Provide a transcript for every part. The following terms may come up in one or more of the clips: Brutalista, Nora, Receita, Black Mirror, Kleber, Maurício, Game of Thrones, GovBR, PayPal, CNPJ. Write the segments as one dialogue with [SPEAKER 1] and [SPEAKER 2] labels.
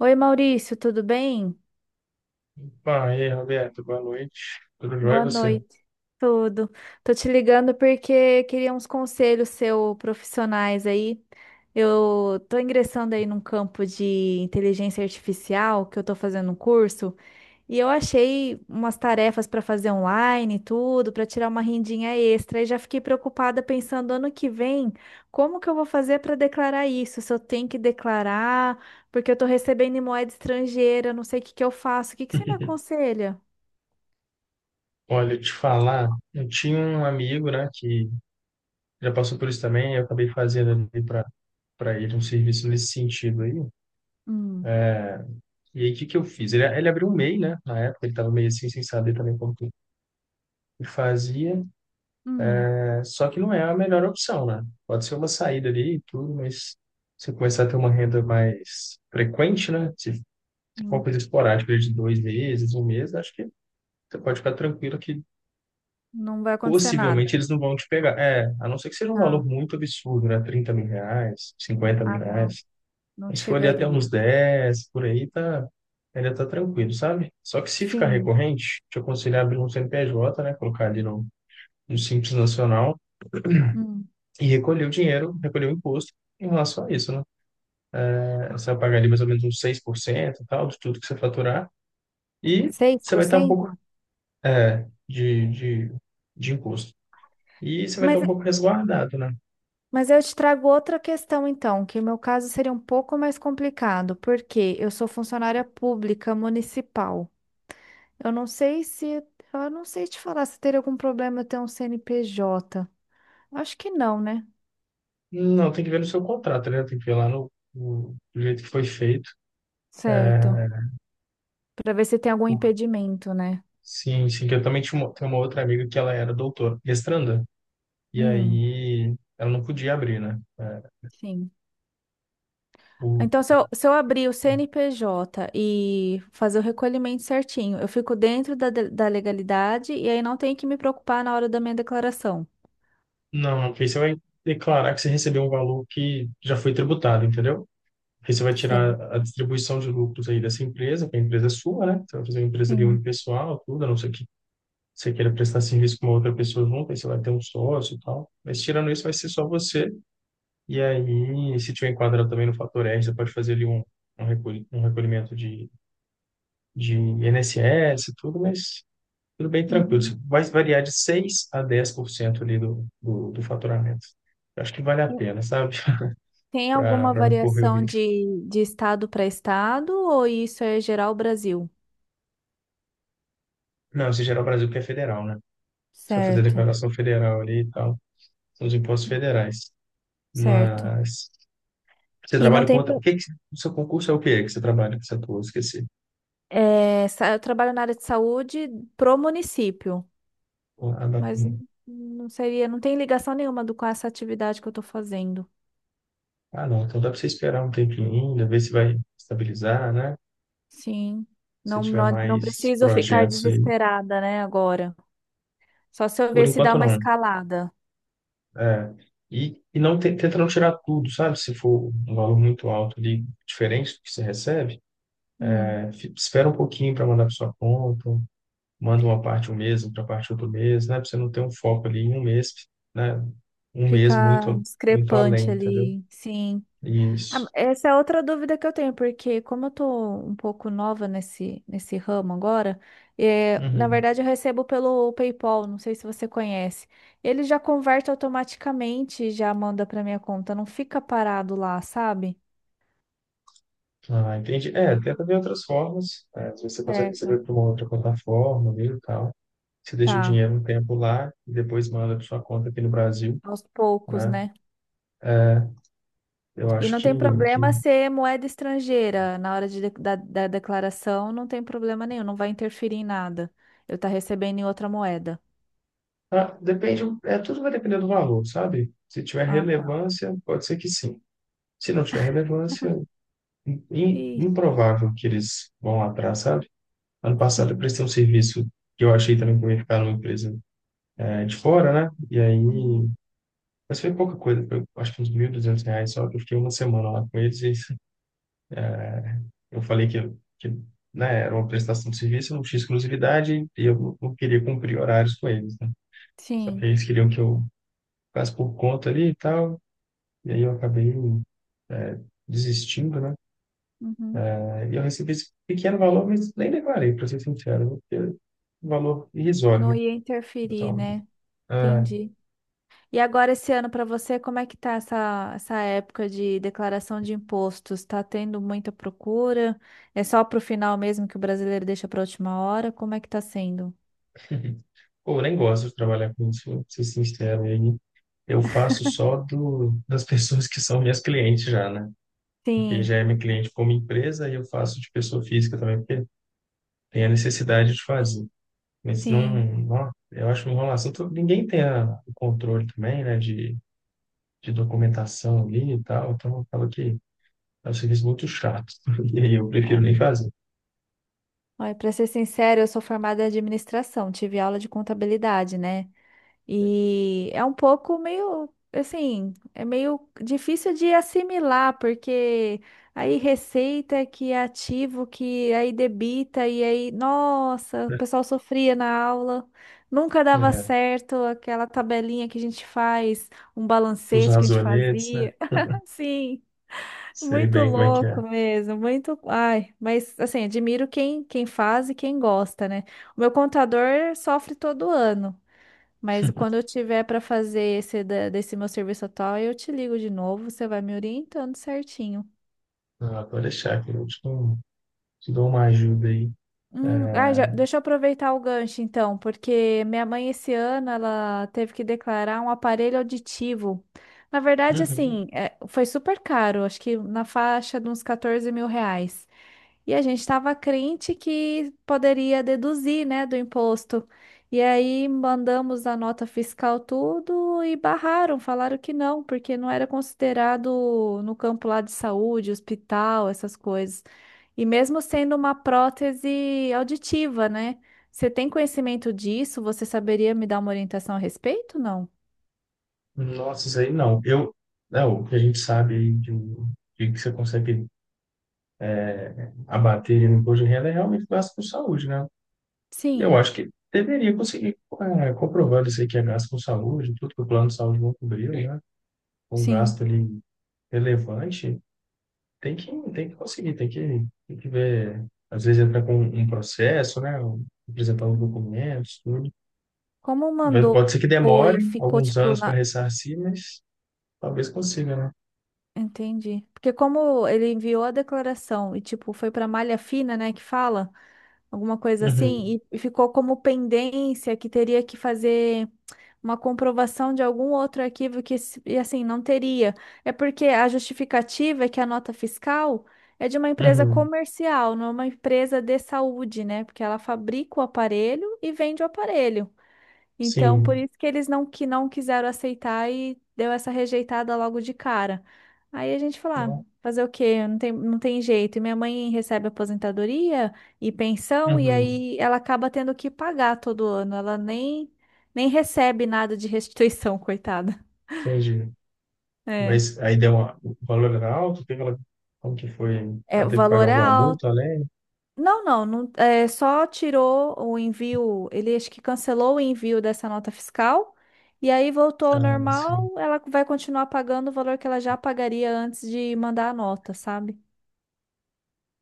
[SPEAKER 1] Oi, Maurício, tudo bem?
[SPEAKER 2] Bom, e aí, Roberto, boa noite. Tudo jóia e
[SPEAKER 1] Boa
[SPEAKER 2] você?
[SPEAKER 1] noite. Tudo. Tô te ligando porque queria uns conselhos seus profissionais aí. Eu tô ingressando aí num campo de inteligência artificial que eu tô fazendo um curso. E eu achei umas tarefas para fazer online e tudo, para tirar uma rendinha extra. E já fiquei preocupada pensando ano que vem, como que eu vou fazer para declarar isso? Se eu tenho que declarar, porque eu estou recebendo em moeda estrangeira, eu não sei o que que eu faço. O que que você me aconselha?
[SPEAKER 2] Olha, te falar, eu tinha um amigo, né, que já passou por isso também, eu acabei fazendo ali para ele um serviço nesse sentido aí.
[SPEAKER 1] Hum,
[SPEAKER 2] É, e aí, o que que eu fiz? Ele abriu um MEI, né, na época, ele estava meio assim, sem saber também como que fazia,
[SPEAKER 1] hum,
[SPEAKER 2] né, só que não é a melhor opção, né? Pode ser uma saída ali e tudo, mas você começar a ter uma renda mais frequente, né, se for uma
[SPEAKER 1] hum.
[SPEAKER 2] coisa esporádica de 2 meses, um mês, acho que você pode ficar tranquilo que
[SPEAKER 1] Não vai acontecer
[SPEAKER 2] possivelmente
[SPEAKER 1] nada.
[SPEAKER 2] eles não vão te pegar. É, a não ser que seja um valor
[SPEAKER 1] Tá.
[SPEAKER 2] muito absurdo, né? Trinta mil reais, cinquenta mil
[SPEAKER 1] Ah, não,
[SPEAKER 2] reais.
[SPEAKER 1] não
[SPEAKER 2] Mas se for ali até
[SPEAKER 1] chegaria.
[SPEAKER 2] uns 10, por aí, tá, ainda tá tranquilo, sabe? Só que se ficar
[SPEAKER 1] Sim.
[SPEAKER 2] recorrente, te aconselho a abrir um CNPJ, né? Colocar ali no Simples Nacional
[SPEAKER 1] Hum.
[SPEAKER 2] e recolher o dinheiro, recolher o imposto em relação a isso, né? É, você vai pagar ali mais ou menos uns 6% e tal, de tudo que você faturar, e
[SPEAKER 1] Seis
[SPEAKER 2] você
[SPEAKER 1] por
[SPEAKER 2] vai estar um pouco
[SPEAKER 1] cento.
[SPEAKER 2] de, de, de imposto. E você vai estar
[SPEAKER 1] Mas
[SPEAKER 2] um pouco resguardado, né?
[SPEAKER 1] Mas eu te trago outra questão, então, que o meu caso seria um pouco mais complicado, porque eu sou funcionária pública municipal. Eu não sei se, eu não sei te falar se teria algum problema eu ter um CNPJ. Acho que não, né?
[SPEAKER 2] Não, tem que ver no seu contrato, né? Tem que ver lá no, do jeito que foi feito.
[SPEAKER 1] Certo.
[SPEAKER 2] É,
[SPEAKER 1] Para ver se tem algum
[SPEAKER 2] Por-
[SPEAKER 1] impedimento, né?
[SPEAKER 2] sim, sim, que eu também tinha uma, tenho uma outra amiga que ela era doutora, mestranda, e
[SPEAKER 1] Hum,
[SPEAKER 2] aí ela não podia abrir, né? É,
[SPEAKER 1] sim.
[SPEAKER 2] o,
[SPEAKER 1] Então, se eu abrir o CNPJ e fazer o recolhimento certinho, eu fico dentro da legalidade e aí não tenho que me preocupar na hora da minha declaração.
[SPEAKER 2] não, porque aí você vai declarar que você recebeu um valor que já foi tributado, entendeu? Aí você vai tirar
[SPEAKER 1] Certo.
[SPEAKER 2] a distribuição de lucros aí dessa empresa, que a empresa é sua, né? Você vai fazer uma empresa ali
[SPEAKER 1] Sim.
[SPEAKER 2] unipessoal, tudo, a não ser que você queira prestar serviço com uma outra pessoa junto, aí você vai ter um sócio e tal. Mas tirando isso, vai ser só você. E aí, se tiver enquadrado também no fator R, você pode fazer ali um, um recolhimento de INSS e tudo, mas tudo bem tranquilo. Isso
[SPEAKER 1] Uhum.
[SPEAKER 2] vai variar de 6 a 10% ali do faturamento. Eu acho que vale a pena, sabe?
[SPEAKER 1] Tem alguma
[SPEAKER 2] Para não correr o
[SPEAKER 1] variação
[SPEAKER 2] risco.
[SPEAKER 1] de estado para estado ou isso é geral Brasil?
[SPEAKER 2] Não, se gerar o Brasil que é federal, né? Você vai fazer
[SPEAKER 1] Certo,
[SPEAKER 2] declaração federal ali e tal. São os impostos federais.
[SPEAKER 1] certo.
[SPEAKER 2] Mas você
[SPEAKER 1] E não
[SPEAKER 2] trabalha com
[SPEAKER 1] tem.
[SPEAKER 2] outra... O que que... O seu concurso é o quê que você trabalha, que você atua? Eu esqueci.
[SPEAKER 1] Eu trabalho na área de saúde pro município,
[SPEAKER 2] A
[SPEAKER 1] mas
[SPEAKER 2] data.
[SPEAKER 1] não seria, não tem ligação nenhuma com essa atividade que eu estou fazendo.
[SPEAKER 2] Ah, não. Então dá para você esperar um tempinho ainda, ver se vai estabilizar, né?
[SPEAKER 1] Sim.
[SPEAKER 2] Se
[SPEAKER 1] Não,
[SPEAKER 2] tiver
[SPEAKER 1] não, não
[SPEAKER 2] mais
[SPEAKER 1] preciso ficar
[SPEAKER 2] projetos aí.
[SPEAKER 1] desesperada, né, agora. Só se eu
[SPEAKER 2] Por
[SPEAKER 1] ver se dá
[SPEAKER 2] enquanto,
[SPEAKER 1] uma
[SPEAKER 2] não.
[SPEAKER 1] escalada.
[SPEAKER 2] É. E tenta não tirar tudo, sabe? Se for um valor muito alto ali, diferente do que você recebe,
[SPEAKER 1] Hum,
[SPEAKER 2] é, espera um pouquinho para mandar para sua conta, manda uma parte um mês, outra parte outro mês, né? Para você não ter um foco ali em um mês, né? Um mês
[SPEAKER 1] ficar
[SPEAKER 2] muito, muito além,
[SPEAKER 1] discrepante
[SPEAKER 2] entendeu?
[SPEAKER 1] ali. Sim. Ah,
[SPEAKER 2] Isso.
[SPEAKER 1] essa é outra dúvida que eu tenho, porque como eu tô um pouco nova nesse ramo agora, na
[SPEAKER 2] Uhum.
[SPEAKER 1] verdade eu recebo pelo PayPal, não sei se você conhece. Ele já converte automaticamente e já manda para minha conta, não fica parado lá, sabe?
[SPEAKER 2] Ah, entendi. É, tenta ver outras formas. É, às vezes você consegue receber
[SPEAKER 1] Certo.
[SPEAKER 2] por uma outra plataforma mesmo e tal. Você deixa o
[SPEAKER 1] Tá,
[SPEAKER 2] dinheiro um tempo lá e depois manda para sua conta aqui no Brasil,
[SPEAKER 1] aos poucos,
[SPEAKER 2] né?
[SPEAKER 1] né?
[SPEAKER 2] É, eu
[SPEAKER 1] E
[SPEAKER 2] acho
[SPEAKER 1] não
[SPEAKER 2] que,
[SPEAKER 1] tem
[SPEAKER 2] que...
[SPEAKER 1] problema ser moeda estrangeira na hora da declaração, não tem problema nenhum, não vai interferir em nada. Eu tá recebendo em outra moeda.
[SPEAKER 2] Ah, depende, é, tudo vai depender do valor, sabe? Se tiver
[SPEAKER 1] Ah, tá.
[SPEAKER 2] relevância, pode ser que sim. Se não tiver relevância, im-
[SPEAKER 1] E
[SPEAKER 2] improvável que eles vão lá atrás, sabe? Ano passado eu
[SPEAKER 1] sim.
[SPEAKER 2] prestei um serviço que eu achei também que eu ia ficar numa empresa é, de fora, né? E aí
[SPEAKER 1] Uhum.
[SPEAKER 2] mas foi pouca coisa, foi, acho que uns R$ 1.200 só, que eu fiquei uma semana lá com eles e eu falei que né, era uma prestação de serviço, não tinha exclusividade e eu não queria cumprir horários com eles, né? Só que
[SPEAKER 1] Sim.
[SPEAKER 2] eles queriam que eu ficasse por conta ali e tal, e aí eu acabei é, desistindo, né?
[SPEAKER 1] Uhum.
[SPEAKER 2] É, e eu recebi esse pequeno valor, mas nem declarei, para ser sincero, né? Porque é um valor irrisório,
[SPEAKER 1] Não
[SPEAKER 2] né?
[SPEAKER 1] ia interferir,
[SPEAKER 2] Então,
[SPEAKER 1] né?
[SPEAKER 2] é,
[SPEAKER 1] Entendi. E agora esse ano para você, como é que tá essa época de declaração de impostos? Tá tendo muita procura? É só pro final mesmo que o brasileiro deixa para última hora? Como é que tá sendo?
[SPEAKER 2] pô, eu nem gosto de trabalhar com isso, pra ser sincero, e aí eu faço só do, das pessoas que são minhas clientes já, né? Porque
[SPEAKER 1] Sim,
[SPEAKER 2] já é minha cliente como empresa e eu faço de pessoa física também, porque tem a necessidade de fazer. Mas não,
[SPEAKER 1] sim.
[SPEAKER 2] não eu acho uma enrolação. Ninguém tem o controle também, né, de documentação ali e tal, então acaba que é um serviço muito chato. E aí eu prefiro nem
[SPEAKER 1] É.
[SPEAKER 2] fazer,
[SPEAKER 1] Olha, para ser sincero, eu sou formada em administração, tive aula de contabilidade, né? E é um pouco meio, assim, é meio difícil de assimilar, porque aí receita que é ativo, que aí debita, e aí, nossa, o
[SPEAKER 2] né?
[SPEAKER 1] pessoal sofria na aula, nunca dava
[SPEAKER 2] É,
[SPEAKER 1] certo aquela tabelinha que a gente faz, um
[SPEAKER 2] os
[SPEAKER 1] balancete que a gente
[SPEAKER 2] razonetes, né?
[SPEAKER 1] fazia. Assim,
[SPEAKER 2] Sei
[SPEAKER 1] muito
[SPEAKER 2] bem como é que é.
[SPEAKER 1] louco mesmo, muito. Ai, mas assim, admiro quem, quem faz e quem gosta, né? O meu contador sofre todo ano. Mas quando eu tiver para fazer desse meu serviço atual, eu te ligo de novo, você vai me orientando certinho.
[SPEAKER 2] Ah, pode deixar que eu te dou uma ajuda aí.
[SPEAKER 1] Ah, deixa eu aproveitar o gancho então, porque minha mãe esse ano ela teve que declarar um aparelho auditivo. Na verdade,
[SPEAKER 2] Uhum.
[SPEAKER 1] assim, foi super caro, acho que na faixa de uns 14 mil reais. E a gente estava crente que poderia deduzir, né, do imposto. E aí mandamos a nota fiscal tudo e barraram, falaram que não, porque não era considerado no campo lá de saúde, hospital, essas coisas. E mesmo sendo uma prótese auditiva, né? Você tem conhecimento disso? Você saberia me dar uma orientação a respeito? Não?
[SPEAKER 2] Nossa, isso aí não. O que a gente sabe aí de que você consegue abater no imposto de renda é realmente gasto com saúde, né? Eu
[SPEAKER 1] Sim,
[SPEAKER 2] acho que deveria conseguir, é, comprovando isso aí que é gasto com saúde, tudo que o plano de saúde não cobriu, sim, né? Um gasto
[SPEAKER 1] sim.
[SPEAKER 2] ali relevante, tem que, tem que, conseguir, tem que ver. Às vezes entra com um processo, né? Apresentar os documentos, tudo.
[SPEAKER 1] Como mandou
[SPEAKER 2] Pode ser que
[SPEAKER 1] e
[SPEAKER 2] demore
[SPEAKER 1] ficou
[SPEAKER 2] alguns
[SPEAKER 1] tipo
[SPEAKER 2] anos para
[SPEAKER 1] na-
[SPEAKER 2] ressarcir, mas talvez consiga, né?
[SPEAKER 1] Entendi. Porque como ele enviou a declaração e tipo foi para malha fina, né, que fala alguma coisa
[SPEAKER 2] Uhum.
[SPEAKER 1] assim, e ficou como pendência que teria que fazer uma comprovação de algum outro arquivo e assim não teria. É porque a justificativa é que a nota fiscal é de uma empresa
[SPEAKER 2] Uhum.
[SPEAKER 1] comercial, não é uma empresa de saúde, né? Porque ela fabrica o aparelho e vende o aparelho. Então, por
[SPEAKER 2] Sim.
[SPEAKER 1] isso que eles não que não quiseram aceitar e deu essa rejeitada logo de cara. Aí a gente falou, ah,
[SPEAKER 2] Não.
[SPEAKER 1] fazer o quê? Não tem, não tem jeito. E minha mãe recebe aposentadoria e pensão, e
[SPEAKER 2] Uhum,
[SPEAKER 1] aí ela acaba tendo que pagar todo ano. Ela nem, nem recebe nada de restituição, coitada.
[SPEAKER 2] entendi.
[SPEAKER 1] É.
[SPEAKER 2] Mas aí deu uma, o valor era alto, teve ela, como que foi?
[SPEAKER 1] É,
[SPEAKER 2] Ela
[SPEAKER 1] o
[SPEAKER 2] teve que pagar
[SPEAKER 1] valor é
[SPEAKER 2] alguma
[SPEAKER 1] alto.
[SPEAKER 2] multa além?
[SPEAKER 1] Não, não, não, só tirou o envio, ele acho que cancelou o envio dessa nota fiscal e aí voltou ao
[SPEAKER 2] Ah, sim.
[SPEAKER 1] normal, ela vai continuar pagando o valor que ela já pagaria antes de mandar a nota, sabe?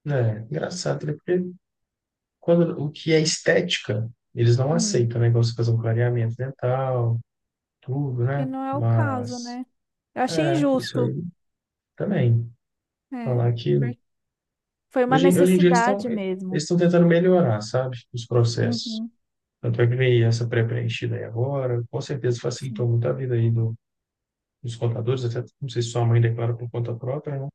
[SPEAKER 2] É, engraçado, né? Porque quando, o que é estética, eles não
[SPEAKER 1] Hum,
[SPEAKER 2] aceitam, né? Igual você fazer um clareamento dental, tudo,
[SPEAKER 1] que
[SPEAKER 2] né?
[SPEAKER 1] não é o caso,
[SPEAKER 2] Mas,
[SPEAKER 1] né? Eu achei
[SPEAKER 2] é, isso aí
[SPEAKER 1] injusto,
[SPEAKER 2] também.
[SPEAKER 1] é.
[SPEAKER 2] Falar que,
[SPEAKER 1] por- Foi uma
[SPEAKER 2] hoje em dia eles estão
[SPEAKER 1] necessidade
[SPEAKER 2] eles
[SPEAKER 1] mesmo.
[SPEAKER 2] estão tentando melhorar, sabe? Os processos.
[SPEAKER 1] Uhum,
[SPEAKER 2] Tanto é que veio essa pré-preenchida aí agora, com certeza facilitou
[SPEAKER 1] sim.
[SPEAKER 2] muito a vida aí dos contadores, até não sei se sua mãe declara por conta própria, né?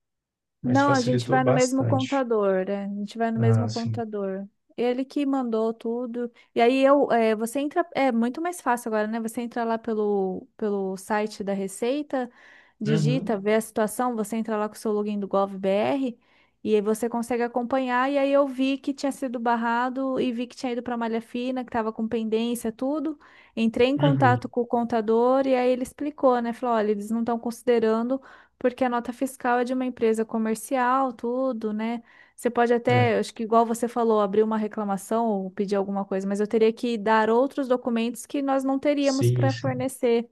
[SPEAKER 2] Mas
[SPEAKER 1] Não, a gente
[SPEAKER 2] facilitou
[SPEAKER 1] vai no mesmo
[SPEAKER 2] bastante.
[SPEAKER 1] contador, né? A gente vai no
[SPEAKER 2] Ah,
[SPEAKER 1] mesmo
[SPEAKER 2] sim.
[SPEAKER 1] contador. Ele que mandou tudo. E aí você entra, é muito mais fácil agora, né? Você entra lá pelo site da Receita, digita,
[SPEAKER 2] Uhum,
[SPEAKER 1] vê a situação, você entra lá com o seu login do GovBR e aí você consegue acompanhar. E aí eu vi que tinha sido barrado e vi que tinha ido para malha fina, que estava com pendência, tudo. Entrei em
[SPEAKER 2] uhum.
[SPEAKER 1] contato com o contador e aí ele explicou, né? Falou, olha, eles não estão considerando porque a nota fiscal é de uma empresa comercial, tudo, né? Você pode até,
[SPEAKER 2] É,
[SPEAKER 1] acho que igual você falou, abrir uma reclamação ou pedir alguma coisa, mas eu teria que dar outros documentos que nós não teríamos
[SPEAKER 2] sim,
[SPEAKER 1] para
[SPEAKER 2] sim.
[SPEAKER 1] fornecer,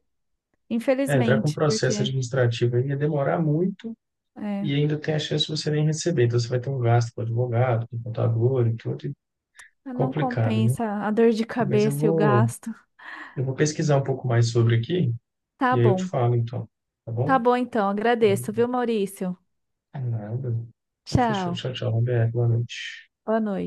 [SPEAKER 2] É, entrar com
[SPEAKER 1] infelizmente,
[SPEAKER 2] processo
[SPEAKER 1] porque
[SPEAKER 2] administrativo aí ia demorar muito
[SPEAKER 1] é,
[SPEAKER 2] e ainda tem a chance de você nem receber. Então você vai ter um gasto com advogado, com contador e tudo, e
[SPEAKER 1] não
[SPEAKER 2] complicado, né?
[SPEAKER 1] compensa a dor de
[SPEAKER 2] Mas eu
[SPEAKER 1] cabeça e o
[SPEAKER 2] vou,
[SPEAKER 1] gasto.
[SPEAKER 2] eu vou pesquisar um pouco mais sobre aqui
[SPEAKER 1] Tá
[SPEAKER 2] e aí eu te
[SPEAKER 1] bom.
[SPEAKER 2] falo então, tá
[SPEAKER 1] Tá
[SPEAKER 2] bom?
[SPEAKER 1] bom então, agradeço, viu, Maurício?
[SPEAKER 2] Nada. Então, fechou.
[SPEAKER 1] Tchau.
[SPEAKER 2] Tchau, tchau, Roberto. Boa noite.
[SPEAKER 1] Boa noite.